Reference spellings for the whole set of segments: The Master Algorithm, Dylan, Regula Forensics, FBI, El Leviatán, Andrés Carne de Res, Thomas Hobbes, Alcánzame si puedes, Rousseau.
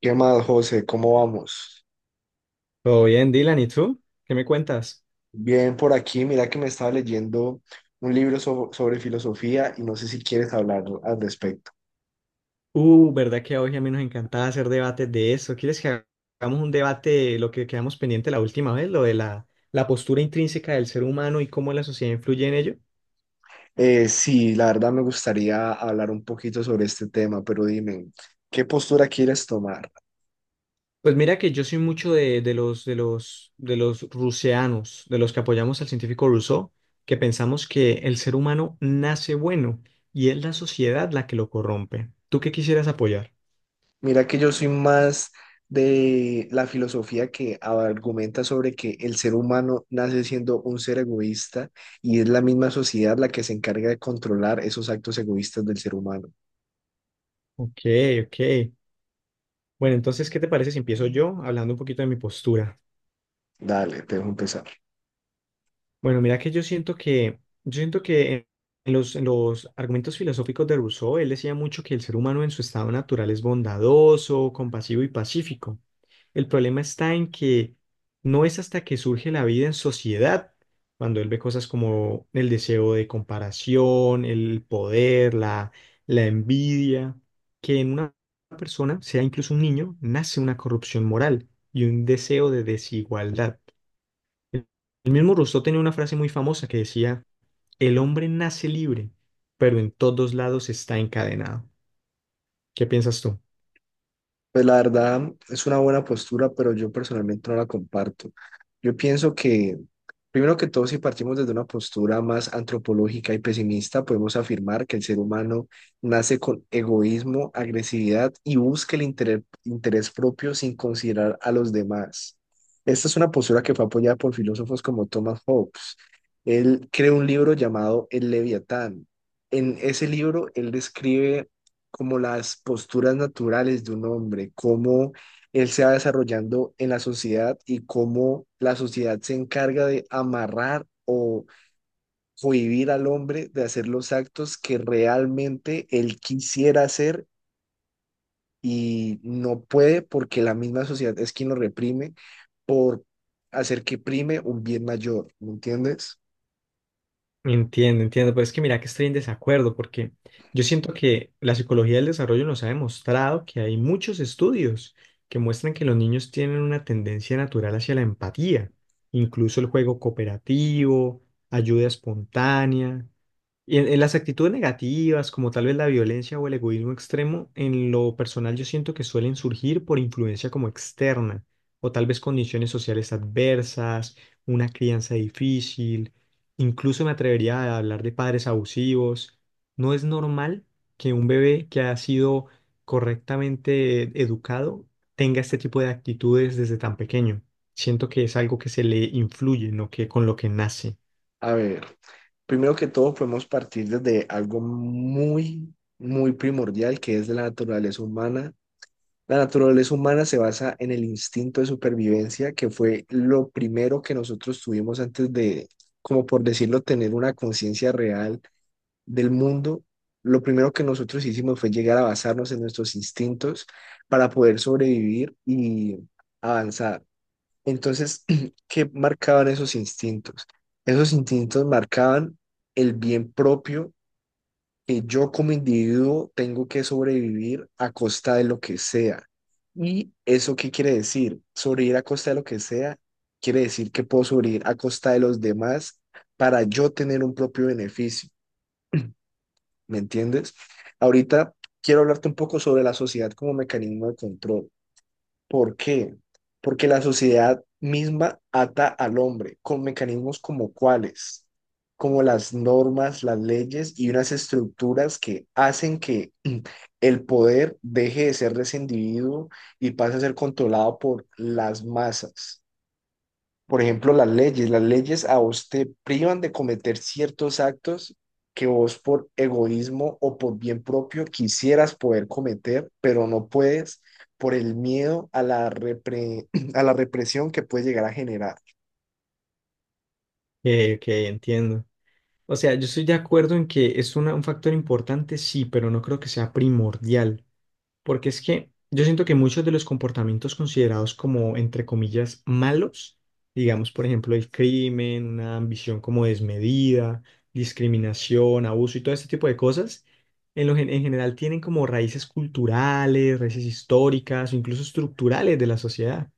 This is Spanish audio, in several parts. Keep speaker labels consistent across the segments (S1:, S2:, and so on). S1: ¿Qué más, José? ¿Cómo vamos?
S2: Todo bien, Dylan, ¿y tú? ¿Qué me cuentas?
S1: Bien por aquí, mira que me estaba leyendo un libro sobre filosofía y no sé si quieres hablar al respecto.
S2: ¿Verdad que a hoy a mí nos encantaba hacer debates de eso? ¿Quieres que hagamos un debate, lo que quedamos pendiente la última vez, lo de la postura intrínseca del ser humano y cómo la sociedad influye en ello?
S1: Sí, la verdad me gustaría hablar un poquito sobre este tema, pero dime, ¿qué postura quieres tomar?
S2: Pues mira que yo soy mucho de los ruseanos, de los que apoyamos al científico Rousseau, que pensamos que el ser humano nace bueno y es la sociedad la que lo corrompe. ¿Tú qué quisieras apoyar?
S1: Mira que yo soy más de la filosofía que argumenta sobre que el ser humano nace siendo un ser egoísta y es la misma sociedad la que se encarga de controlar esos actos egoístas del ser humano.
S2: Ok, ok. Bueno, entonces, ¿qué te parece si empiezo yo hablando un poquito de mi postura?
S1: Dale, te dejo empezar.
S2: Bueno, mira que yo siento que en los argumentos filosóficos de Rousseau, él decía mucho que el ser humano en su estado natural es bondadoso, compasivo y pacífico. El problema está en que no es hasta que surge la vida en sociedad, cuando él ve cosas como el deseo de comparación, la envidia, que en una persona, sea incluso un niño, nace una corrupción moral y un deseo de desigualdad. El el mismo Rousseau tenía una frase muy famosa que decía: el hombre nace libre, pero en todos lados está encadenado. ¿Qué piensas tú?
S1: Pues la verdad es una buena postura, pero yo personalmente no la comparto. Yo pienso que, primero que todo, si partimos desde una postura más antropológica y pesimista, podemos afirmar que el ser humano nace con egoísmo, agresividad y busca el interés propio sin considerar a los demás. Esta es una postura que fue apoyada por filósofos como Thomas Hobbes. Él creó un libro llamado El Leviatán. En ese libro, él describe como las posturas naturales de un hombre, cómo él se va desarrollando en la sociedad y cómo la sociedad se encarga de amarrar o cohibir al hombre de hacer los actos que realmente él quisiera hacer y no puede porque la misma sociedad es quien lo reprime por hacer que prime un bien mayor, ¿me entiendes?
S2: Entiendo, entiendo, pero es que mira que estoy en desacuerdo porque yo siento que la psicología del desarrollo nos ha demostrado que hay muchos estudios que muestran que los niños tienen una tendencia natural hacia la empatía, incluso el juego cooperativo, ayuda espontánea. Y en las actitudes negativas, como tal vez la violencia o el egoísmo extremo, en lo personal yo siento que suelen surgir por influencia como externa, o tal vez condiciones sociales adversas, una crianza difícil, incluso me atrevería a hablar de padres abusivos. No es normal que un bebé que ha sido correctamente educado tenga este tipo de actitudes desde tan pequeño. Siento que es algo que se le influye, no que con lo que nace,
S1: A ver, primero que todo podemos partir desde algo muy, muy primordial que es de la naturaleza humana. La naturaleza humana se basa en el instinto de supervivencia, que fue lo primero que nosotros tuvimos antes de, como por decirlo, tener una conciencia real del mundo. Lo primero que nosotros hicimos fue llegar a basarnos en nuestros instintos para poder sobrevivir y avanzar. Entonces, ¿qué marcaban esos instintos? Esos instintos marcaban el bien propio, que yo como individuo tengo que sobrevivir a costa de lo que sea. ¿Y eso qué quiere decir? Sobrevivir a costa de lo que sea quiere decir que puedo sobrevivir a costa de los demás para yo tener un propio beneficio, ¿me entiendes? Ahorita quiero hablarte un poco sobre la sociedad como mecanismo de control. ¿Por qué? Porque la sociedad misma ata al hombre con mecanismos como cuáles, como las normas, las leyes y unas estructuras que hacen que mm, el poder deje de ser de ese individuo y pase a ser controlado por las masas. Por ejemplo, las leyes. Las leyes a vos te privan de cometer ciertos actos que vos por egoísmo o por bien propio quisieras poder cometer, pero no puedes por el miedo a la repre- a la represión que puede llegar a generar.
S2: que entiendo. O sea, yo estoy de acuerdo en que es un factor importante, sí, pero no creo que sea primordial, porque es que yo siento que muchos de los comportamientos considerados como, entre comillas, malos, digamos, por ejemplo, el crimen, una ambición como desmedida, discriminación, abuso y todo este tipo de cosas, en general tienen como raíces culturales, raíces históricas o incluso estructurales de la sociedad.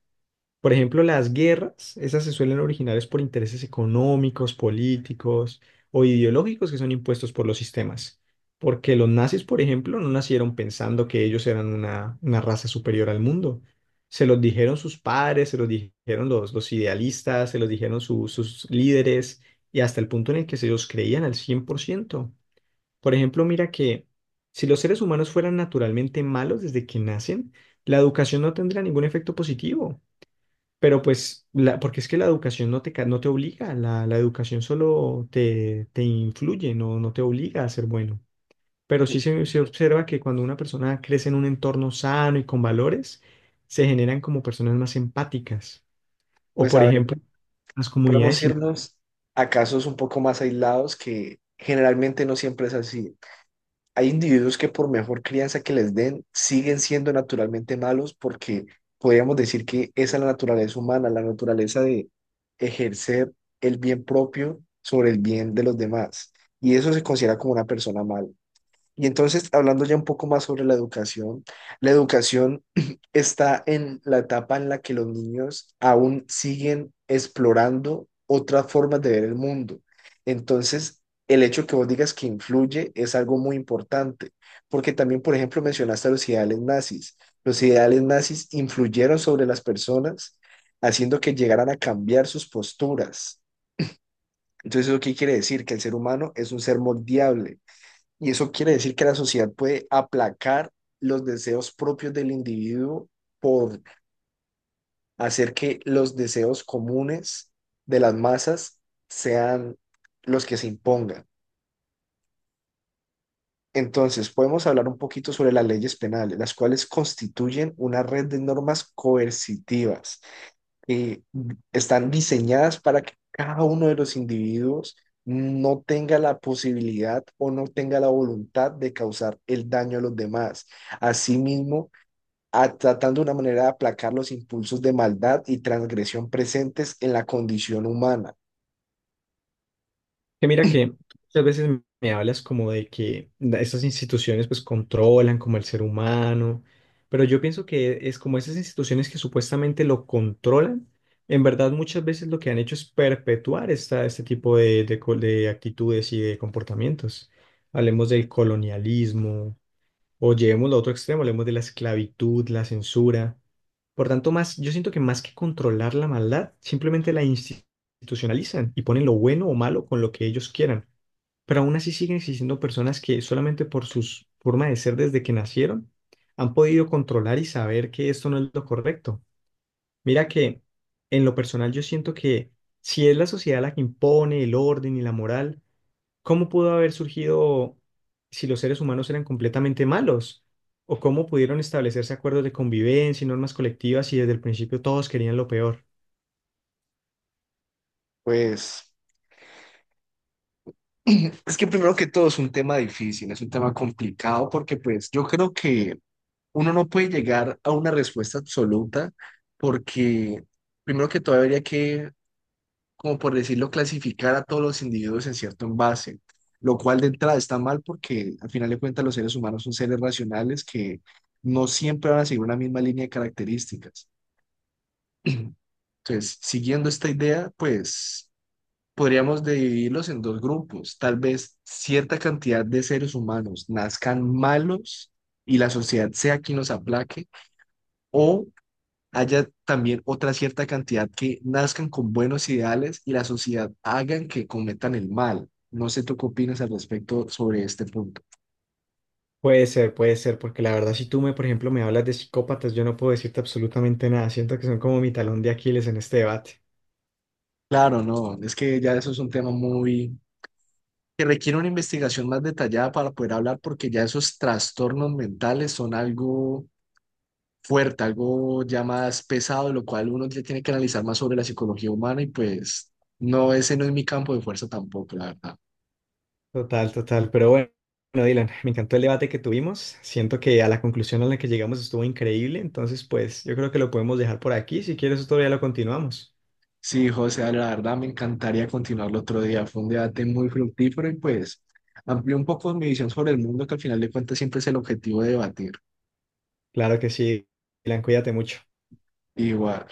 S2: Por ejemplo, las guerras, esas se suelen originar es por intereses económicos, políticos o ideológicos que son impuestos por los sistemas. Porque los nazis, por ejemplo, no nacieron pensando que ellos eran una raza superior al mundo. Se los dijeron sus padres, se los dijeron los idealistas, se los dijeron sus líderes y hasta el punto en el que se ellos creían al 100%. Por ejemplo, mira que si los seres humanos fueran naturalmente malos desde que nacen, la educación no tendría ningún efecto positivo. Pero pues, porque es que la educación no no te obliga, la educación solo te influye, no, no te obliga a ser bueno. Pero sí se observa que cuando una persona crece en un entorno sano y con valores, se generan como personas más empáticas. O
S1: Pues
S2: por
S1: a ver,
S2: ejemplo, las
S1: podemos
S2: comunidades.
S1: irnos a casos un poco más aislados que generalmente no siempre es así. Hay individuos que por mejor crianza que les den, siguen siendo naturalmente malos porque podríamos decir que esa es la naturaleza humana, la naturaleza de ejercer el bien propio sobre el bien de los demás. Y eso se considera como una persona mala. Y entonces, hablando ya un poco más sobre la educación está en la etapa en la que los niños aún siguen explorando otras formas de ver el mundo. Entonces, el hecho que vos digas que influye es algo muy importante, porque también, por ejemplo, mencionaste a los ideales nazis. Los ideales nazis influyeron sobre las personas, haciendo que llegaran a cambiar sus posturas. Entonces, ¿eso qué quiere decir? Que el ser humano es un ser moldeable y eso quiere decir que la sociedad puede aplacar los deseos propios del individuo por hacer que los deseos comunes de las masas sean los que se impongan. Entonces, podemos hablar un poquito sobre las leyes penales, las cuales constituyen una red de normas coercitivas, eh, están diseñadas para que cada uno de los individuos no tenga la posibilidad o no tenga la voluntad de causar el daño a los demás. Asimismo, tratando de una manera de aplacar los impulsos de maldad y transgresión presentes en la condición humana.
S2: Que mira que tú muchas veces me hablas como de que estas instituciones pues controlan como el ser humano, pero yo pienso que es como esas instituciones que supuestamente lo controlan, en verdad muchas veces lo que han hecho es perpetuar este tipo de actitudes y de comportamientos. Hablemos del colonialismo, o llevemos lo otro extremo, hablemos de la esclavitud, la censura. Por tanto, más, yo siento que más que controlar la maldad, simplemente la institucionalizan y ponen lo bueno o malo con lo que ellos quieran. Pero aún así siguen existiendo personas que solamente por su forma de ser desde que nacieron han podido controlar y saber que esto no es lo correcto. Mira que en lo personal yo siento que si es la sociedad la que impone el orden y la moral, ¿cómo pudo haber surgido si los seres humanos eran completamente malos? ¿O cómo pudieron establecerse acuerdos de convivencia y normas colectivas si desde el principio todos querían lo peor?
S1: Pues es que primero que todo es un tema difícil, es un tema complicado porque pues yo creo que uno no puede llegar a una respuesta absoluta porque primero que todo habría que, como por decirlo, clasificar a todos los individuos en cierto envase, lo cual de entrada está mal porque al final de cuentas los seres humanos son seres racionales que no siempre van a seguir una misma línea de características. Entonces, siguiendo esta idea, pues podríamos dividirlos en dos grupos. Tal vez cierta cantidad de seres humanos nazcan malos y la sociedad sea quien los aplaque, o haya también otra cierta cantidad que nazcan con buenos ideales y la sociedad hagan que cometan el mal. No sé tú qué opinas al respecto sobre este punto.
S2: Puede ser, porque la verdad si tú me, por ejemplo, me hablas de psicópatas, yo no puedo decirte absolutamente nada. Siento que son como mi talón de Aquiles en este debate.
S1: Claro, no, es que ya eso es un tema muy que requiere una investigación más detallada para poder hablar porque ya esos trastornos mentales son algo fuerte, algo ya más pesado, lo cual uno ya tiene que analizar más sobre la psicología humana y pues no, ese no es mi campo de fuerza tampoco, la verdad.
S2: Total, total. Pero bueno, Dylan, me encantó el debate que tuvimos. Siento que a la conclusión a la que llegamos estuvo increíble. Entonces, pues yo creo que lo podemos dejar por aquí. Si quieres, otro día lo continuamos.
S1: Sí, José, la verdad me encantaría continuar el otro día. Fue un debate muy fructífero y pues amplió un poco mi visión sobre el mundo, que al final de cuentas siempre es el objetivo de debatir.
S2: Claro que sí, Dylan, cuídate mucho.
S1: Igual.